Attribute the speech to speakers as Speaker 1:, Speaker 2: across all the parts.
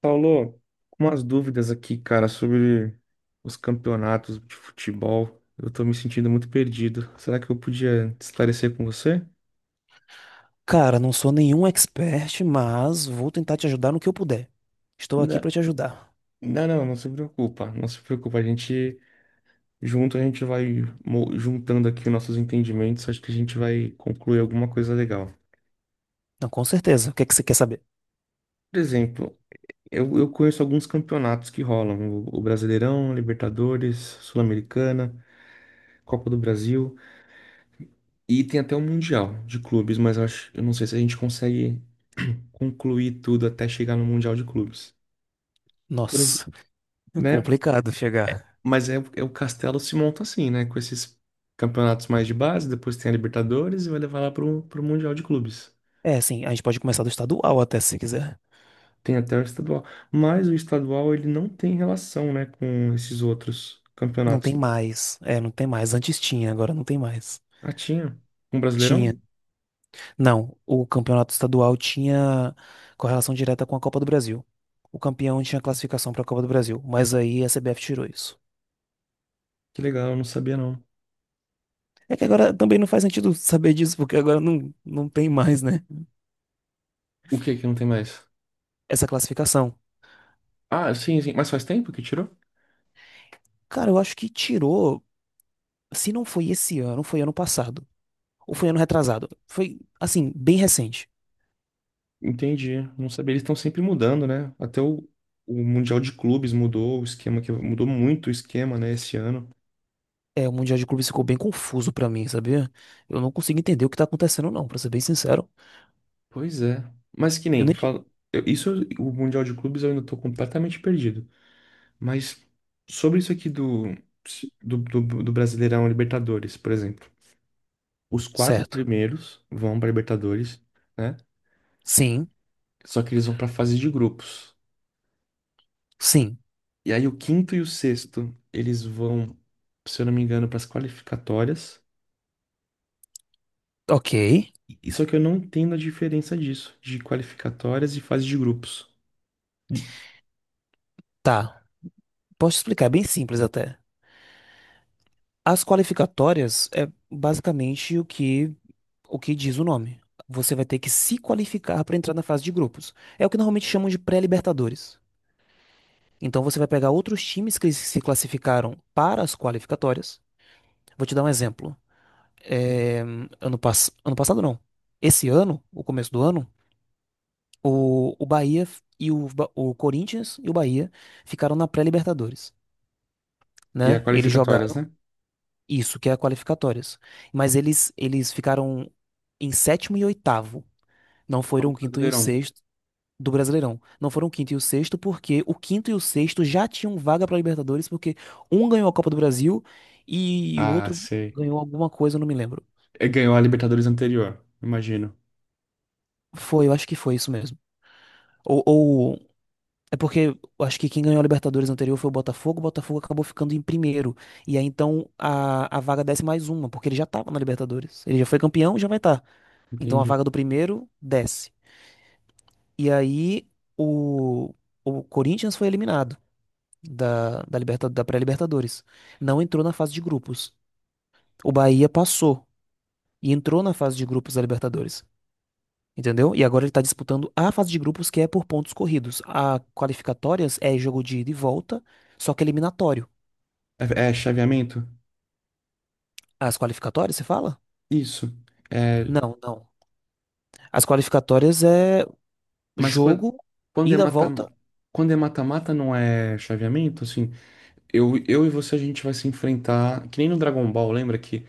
Speaker 1: Paulo, umas dúvidas aqui, cara, sobre os campeonatos de futebol. Eu tô me sentindo muito perdido. Será que eu podia esclarecer com você?
Speaker 2: Cara, não sou nenhum expert, mas vou tentar te ajudar no que eu puder. Estou aqui
Speaker 1: Não,
Speaker 2: para te ajudar.
Speaker 1: não, não, não se preocupa, não se preocupa. A gente junto, a gente vai juntando aqui os nossos entendimentos. Acho que a gente vai concluir alguma coisa legal.
Speaker 2: Não, com certeza. O que é que você quer saber?
Speaker 1: Por exemplo, eu conheço alguns campeonatos que rolam: o Brasileirão, Libertadores, Sul-Americana, Copa do Brasil. E tem até um mundial de clubes, mas eu acho, eu não sei se a gente consegue concluir tudo até chegar no mundial de clubes. Por ex-
Speaker 2: Nossa,
Speaker 1: né?
Speaker 2: complicado chegar.
Speaker 1: Mas é o Castelo se monta assim, né? Com esses campeonatos mais de base, depois tem a Libertadores e vai levar lá pro, mundial de clubes.
Speaker 2: É, sim, a gente pode começar do estadual até se quiser.
Speaker 1: Tem até o estadual, mas o estadual ele não tem relação, né, com esses outros
Speaker 2: Não
Speaker 1: campeonatos.
Speaker 2: tem mais. É, não tem mais. Antes tinha, agora não tem mais.
Speaker 1: Ah, tinha um Brasileirão?
Speaker 2: Tinha. Não, o campeonato estadual tinha correlação direta com a Copa do Brasil. O campeão tinha classificação para a Copa do Brasil, mas aí a CBF tirou isso.
Speaker 1: Que legal, eu não sabia não.
Speaker 2: É que agora também não faz sentido saber disso, porque agora não, não tem mais, né?
Speaker 1: O que que não tem mais?
Speaker 2: Essa classificação.
Speaker 1: Ah, sim, sim, mas faz tempo que tirou?
Speaker 2: Cara, eu acho que tirou, se não foi esse ano, foi ano passado. Ou foi ano retrasado. Foi, assim, bem recente.
Speaker 1: Entendi. Não sabia. Eles estão sempre mudando, né? Até o Mundial de Clubes mudou o esquema, que mudou muito o esquema, né, esse ano.
Speaker 2: É, o Mundial de Clubes ficou bem confuso pra mim, sabia? Eu não consigo entender o que tá acontecendo, não, pra ser bem sincero.
Speaker 1: Pois é. Mas que
Speaker 2: Eu
Speaker 1: nem,
Speaker 2: nem. Ti-
Speaker 1: fala, isso, o Mundial de Clubes eu ainda tô completamente perdido. Mas sobre isso aqui do, Brasileirão Libertadores, por exemplo. Os quatro
Speaker 2: Certo.
Speaker 1: primeiros vão pra Libertadores, né?
Speaker 2: Sim,
Speaker 1: Só que eles vão pra fase de grupos.
Speaker 2: sim.
Speaker 1: E aí o quinto e o sexto, eles vão, se eu não me engano, pras qualificatórias.
Speaker 2: Ok,
Speaker 1: E só que eu não entendo a diferença disso, de qualificatórias e fase de grupos. De-
Speaker 2: tá. Posso explicar, é bem simples até. As qualificatórias é basicamente o que diz o nome. Você vai ter que se qualificar pra entrar na fase de grupos. É o que normalmente chamam de pré-libertadores. Então você vai pegar outros times que se classificaram para as qualificatórias. Vou te dar um exemplo. É, ano passado, não. Esse ano, o começo do ano, o Bahia e o Corinthians e o Bahia ficaram na pré-Libertadores,
Speaker 1: Que é
Speaker 2: né?
Speaker 1: a
Speaker 2: Eles
Speaker 1: qualificatórias,
Speaker 2: jogaram
Speaker 1: né?
Speaker 2: isso, que é a qualificatórias. Mas eles ficaram em sétimo e oitavo. Não foram
Speaker 1: O
Speaker 2: o quinto e o
Speaker 1: Brasileirão.
Speaker 2: sexto. Do Brasileirão. Não foram o quinto e o sexto, porque o quinto e o sexto já tinham vaga para Libertadores, porque um ganhou a Copa do Brasil e o
Speaker 1: Ah,
Speaker 2: outro
Speaker 1: sei.
Speaker 2: ganhou alguma coisa, eu não me lembro.
Speaker 1: É, ganhou a Libertadores anterior, imagino.
Speaker 2: Foi, eu acho que foi isso mesmo. Ou, ou- é porque eu acho que quem ganhou a Libertadores anterior foi o Botafogo acabou ficando em primeiro. E aí então a vaga desce mais uma, porque ele já tava na Libertadores. Ele já foi campeão, já vai estar. Então a
Speaker 1: Entendi.
Speaker 2: vaga do primeiro desce. E aí o, o Corinthians foi eliminado. Da pré-Libertadores. Não entrou na fase de grupos. O Bahia passou e entrou na fase de grupos da Libertadores. Entendeu? E agora ele está disputando a fase de grupos, que é por pontos corridos. A qualificatórias é jogo de ida e volta, só que eliminatório.
Speaker 1: é chaveamento?
Speaker 2: As qualificatórias, você fala?
Speaker 1: Isso. É,
Speaker 2: Não, não. As qualificatórias é
Speaker 1: mas
Speaker 2: jogo,
Speaker 1: quando é
Speaker 2: ida,
Speaker 1: mata,
Speaker 2: volta.
Speaker 1: quando é mata-mata não é chaveamento, assim. Eu e você a gente vai se enfrentar, que nem no Dragon Ball, lembra que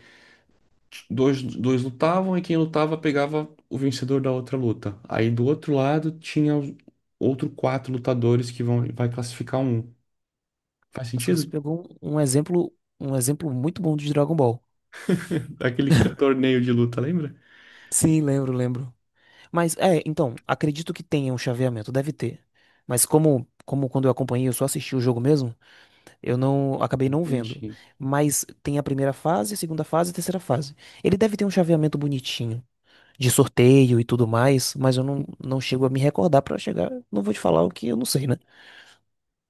Speaker 1: dois, dois lutavam e quem lutava pegava o vencedor da outra luta. Aí do outro lado tinha outro quatro lutadores que vão vai classificar um. Faz
Speaker 2: Nossa, você
Speaker 1: sentido?
Speaker 2: pegou um exemplo, um exemplo muito bom de Dragon Ball.
Speaker 1: Aquele torneio de luta, lembra?
Speaker 2: Sim, lembro, lembro. Mas é, então, acredito que tenha um chaveamento, deve ter. Mas como, como quando eu acompanhei, eu só assisti o jogo mesmo, eu não acabei não vendo.
Speaker 1: Entendi.
Speaker 2: Mas tem a primeira fase, a segunda fase e a terceira fase. Ele deve ter um chaveamento bonitinho, de sorteio e tudo mais, mas eu não, não chego a me recordar pra chegar, não vou te falar o que eu não sei, né?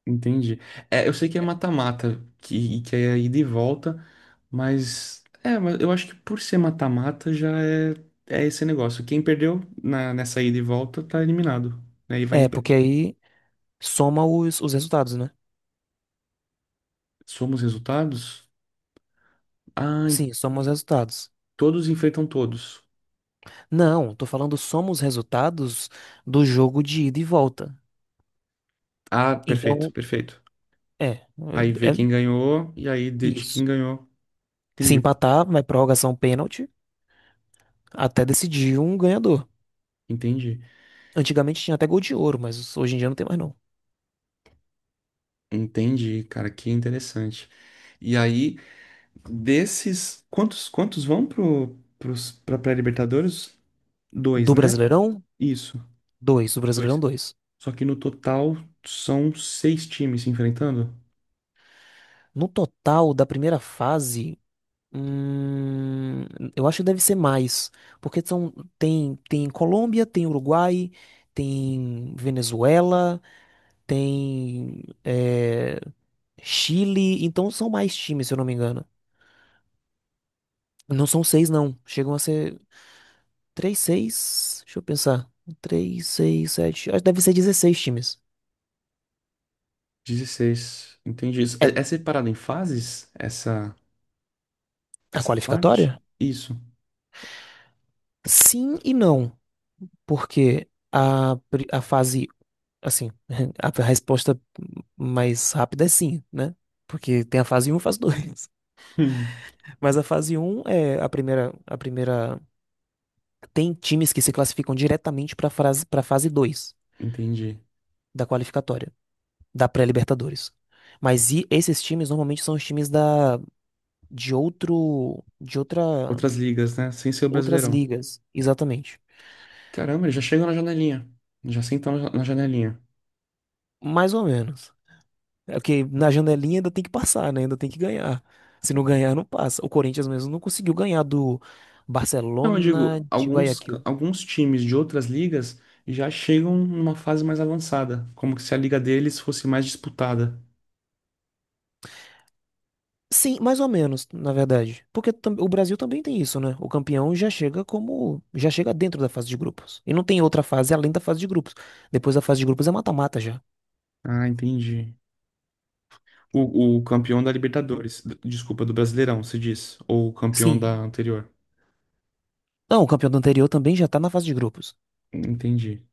Speaker 1: Entendi. É, eu sei que é mata-mata, que é ida e volta, mas eu acho que por ser mata-mata já é esse negócio. Quem perdeu na, nessa ida e volta tá eliminado. Né? E vai.
Speaker 2: É, porque aí soma os resultados, né?
Speaker 1: Somos resultados? Ah,
Speaker 2: Sim, soma os resultados.
Speaker 1: todos enfrentam todos.
Speaker 2: Não, tô falando soma os resultados do jogo de ida e volta.
Speaker 1: Ah, perfeito,
Speaker 2: Então,
Speaker 1: perfeito.
Speaker 2: é, é
Speaker 1: Aí vê
Speaker 2: é
Speaker 1: quem ganhou e aí de quem
Speaker 2: isso.
Speaker 1: ganhou.
Speaker 2: Se
Speaker 1: Entendi,
Speaker 2: empatar, vai prorrogação pênalti até decidir um ganhador.
Speaker 1: entendi,
Speaker 2: Antigamente tinha até gol de ouro, mas hoje em dia não tem mais não.
Speaker 1: entendi, cara, que interessante. E aí, desses, quantos vão pro, pra pré-Libertadores? Dois,
Speaker 2: Do
Speaker 1: né?
Speaker 2: Brasileirão,
Speaker 1: Isso,
Speaker 2: dois. Do Brasileirão,
Speaker 1: dois.
Speaker 2: dois.
Speaker 1: Só que no total são seis times se enfrentando?
Speaker 2: No total da primeira fase, hum, eu acho que deve ser mais. Porque são, tem, tem Colômbia, tem Uruguai, tem Venezuela, tem é, Chile. Então são mais times, se eu não me engano. Não são seis, não. Chegam a ser. Três 6 Deixa eu pensar. Três 6 7 Acho que deve ser 16 times.
Speaker 1: 16. Entendi isso.
Speaker 2: É
Speaker 1: É, é separado em fases essa,
Speaker 2: a
Speaker 1: essa parte?
Speaker 2: qualificatória?
Speaker 1: Isso,
Speaker 2: Sim e não. Porque a, pri- a fase. Assim, a resposta mais rápida é sim, né? Porque tem a fase um e a fase 2.
Speaker 1: hum,
Speaker 2: Mas a fase um é a primeira. A primeira. Tem times que se classificam diretamente para a fase 2
Speaker 1: entendi.
Speaker 2: da qualificatória, da pré-Libertadores. Mas e esses times normalmente são os times de outra
Speaker 1: Outras ligas, né? Sem ser o
Speaker 2: Outras
Speaker 1: Brasileirão.
Speaker 2: ligas, exatamente.
Speaker 1: Caramba, eles já chegam na janelinha. Já sentam na janelinha.
Speaker 2: Mais ou menos. É que na janelinha ainda tem que passar, né? Ainda tem que ganhar. Se não ganhar, não passa. O Corinthians mesmo não conseguiu ganhar do
Speaker 1: Não, eu
Speaker 2: Barcelona
Speaker 1: digo,
Speaker 2: de Guayaquil.
Speaker 1: alguns times de outras ligas já chegam numa fase mais avançada, como que se a liga deles fosse mais disputada.
Speaker 2: Sim, mais ou menos, na verdade. Porque o Brasil também tem isso, né? O campeão já chega como, já chega dentro da fase de grupos. E não tem outra fase além da fase de grupos. Depois da fase de grupos é mata-mata já.
Speaker 1: Ah, entendi. O campeão da Libertadores, desculpa, do Brasileirão, se diz, ou o campeão da
Speaker 2: Sim.
Speaker 1: anterior.
Speaker 2: Não, o campeão do anterior também já tá na fase de grupos.
Speaker 1: Entendi.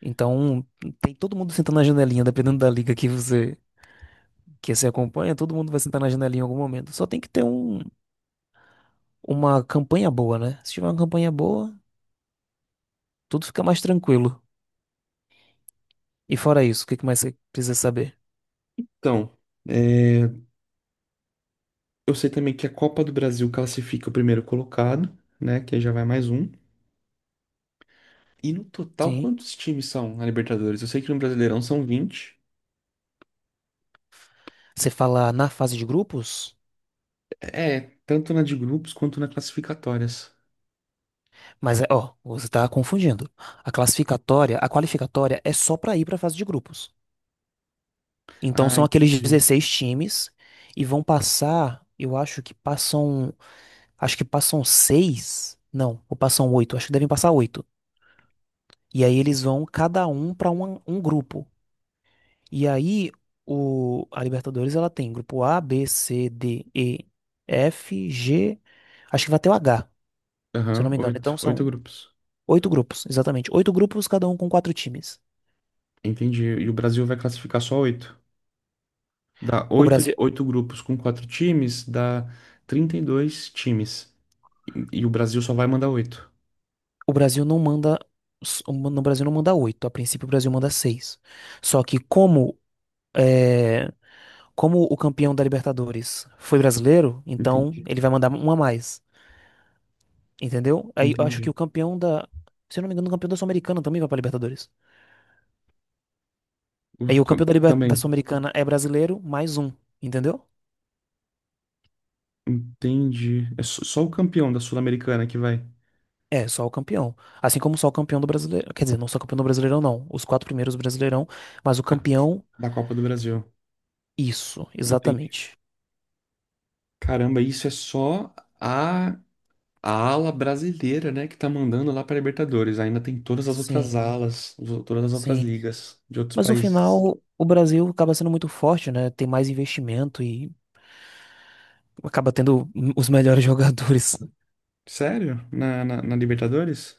Speaker 2: Então, tem todo mundo sentando na janelinha, dependendo da liga que você acompanha, todo mundo vai sentar na janelinha em algum momento. Só tem que ter um, uma campanha boa, né? Se tiver uma campanha boa, tudo fica mais tranquilo. E fora isso, o que que mais você precisa saber?
Speaker 1: Então, é, eu sei também que a Copa do Brasil classifica o primeiro colocado, né? Que aí já vai mais um. E no total,
Speaker 2: Sim,
Speaker 1: quantos times são na Libertadores? Eu sei que no Brasileirão são 20.
Speaker 2: você fala na fase de grupos,
Speaker 1: É, tanto na de grupos quanto na classificatórias.
Speaker 2: mas é, ó, você tá confundindo. A qualificatória é só pra ir pra fase de grupos. Então
Speaker 1: Ah,
Speaker 2: são aqueles
Speaker 1: entendi.
Speaker 2: 16 times e vão passar, eu acho que passam seis, não, ou passam oito, acho que devem passar oito. E aí eles vão cada um um grupo. E aí, a Libertadores, ela tem grupo A, B, C, D, E, F, G, acho que vai até o H, se eu não
Speaker 1: Aham,
Speaker 2: me engano. Então
Speaker 1: oito. Oito
Speaker 2: são
Speaker 1: grupos.
Speaker 2: oito grupos, exatamente. Oito grupos, cada um com quatro times.
Speaker 1: Entendi. E o Brasil vai classificar só oito. Dá
Speaker 2: O
Speaker 1: oito,
Speaker 2: Brasil,
Speaker 1: oito grupos com quatro times, dá 32 times. E, e o Brasil só vai mandar oito.
Speaker 2: o Brasil não manda, o no Brasil não manda oito, a princípio o Brasil manda seis. Só que como, é, como o campeão da Libertadores foi brasileiro, então
Speaker 1: Entendi.
Speaker 2: ele vai mandar uma a mais, entendeu? Aí eu acho que
Speaker 1: Entendi.
Speaker 2: o campeão da, se eu não me engano, o campeão da Sul-Americana também vai pra Libertadores. Aí o campeão da, da
Speaker 1: Também.
Speaker 2: Sul-Americana é brasileiro, mais um, entendeu?
Speaker 1: Entendi. É só, só o campeão da Sul-Americana que vai.
Speaker 2: É, só o campeão. Assim como só o campeão do Brasileirão. Quer dizer, não só o campeão do Brasileirão, não. Os quatro primeiros do Brasileirão, mas o campeão,
Speaker 1: Da Copa do Brasil.
Speaker 2: isso,
Speaker 1: Entendi.
Speaker 2: exatamente.
Speaker 1: Caramba, isso é só a a ala brasileira, né, que tá mandando lá pra Libertadores. Ainda tem todas as outras
Speaker 2: Sim,
Speaker 1: alas, todas as outras
Speaker 2: sim.
Speaker 1: ligas de outros
Speaker 2: Mas no
Speaker 1: países.
Speaker 2: final, o Brasil acaba sendo muito forte, né? Tem mais investimento e acaba tendo os melhores jogadores.
Speaker 1: Sério? Na, na Libertadores?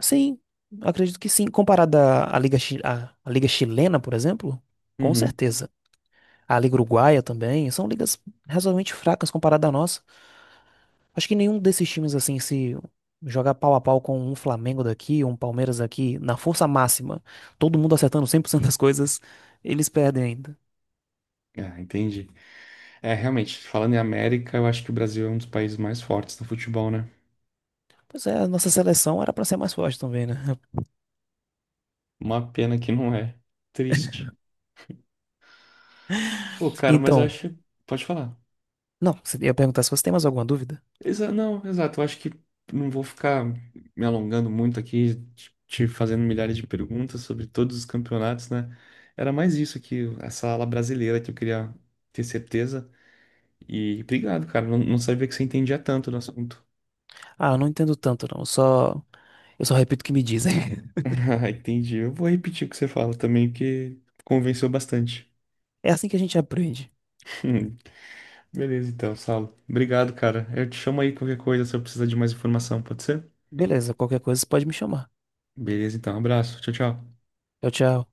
Speaker 2: Sim, acredito que sim. Comparado à à Liga, à Liga Chilena, por exemplo, com
Speaker 1: Uhum.
Speaker 2: certeza. A Liga Uruguaia também, são ligas razoavelmente fracas comparada à nossa. Acho que nenhum desses times, assim, se jogar pau a pau com um Flamengo daqui, um Palmeiras aqui, na força máxima, todo mundo acertando 100% das coisas, eles perdem ainda.
Speaker 1: Ah, entendi. É, realmente, falando em América, eu acho que o Brasil é um dos países mais fortes no futebol, né?
Speaker 2: Pois é, a nossa seleção era pra ser mais forte também, né?
Speaker 1: Uma pena que não é. Triste. Pô, cara, mas eu
Speaker 2: Então,
Speaker 1: acho. Pode falar.
Speaker 2: não, você ia perguntar se você tem mais alguma dúvida?
Speaker 1: Não, exato. Eu acho que não vou ficar me alongando muito aqui, te fazendo milhares de perguntas sobre todos os campeonatos, né? Era mais isso que essa ala brasileira que eu queria ter certeza. E obrigado, cara. Não, não sabia que você entendia tanto do assunto.
Speaker 2: Ah, eu não entendo tanto, não. Eu só repito o que me dizem.
Speaker 1: Ah, entendi. Eu vou repetir o que você fala também, porque convenceu bastante.
Speaker 2: É assim que a gente aprende.
Speaker 1: Beleza, então, Saulo. Obrigado, cara. Eu te chamo aí qualquer coisa se eu precisar de mais informação, pode ser?
Speaker 2: Beleza, qualquer coisa você pode me chamar.
Speaker 1: Beleza, então. Abraço. Tchau, tchau.
Speaker 2: Tchau, tchau.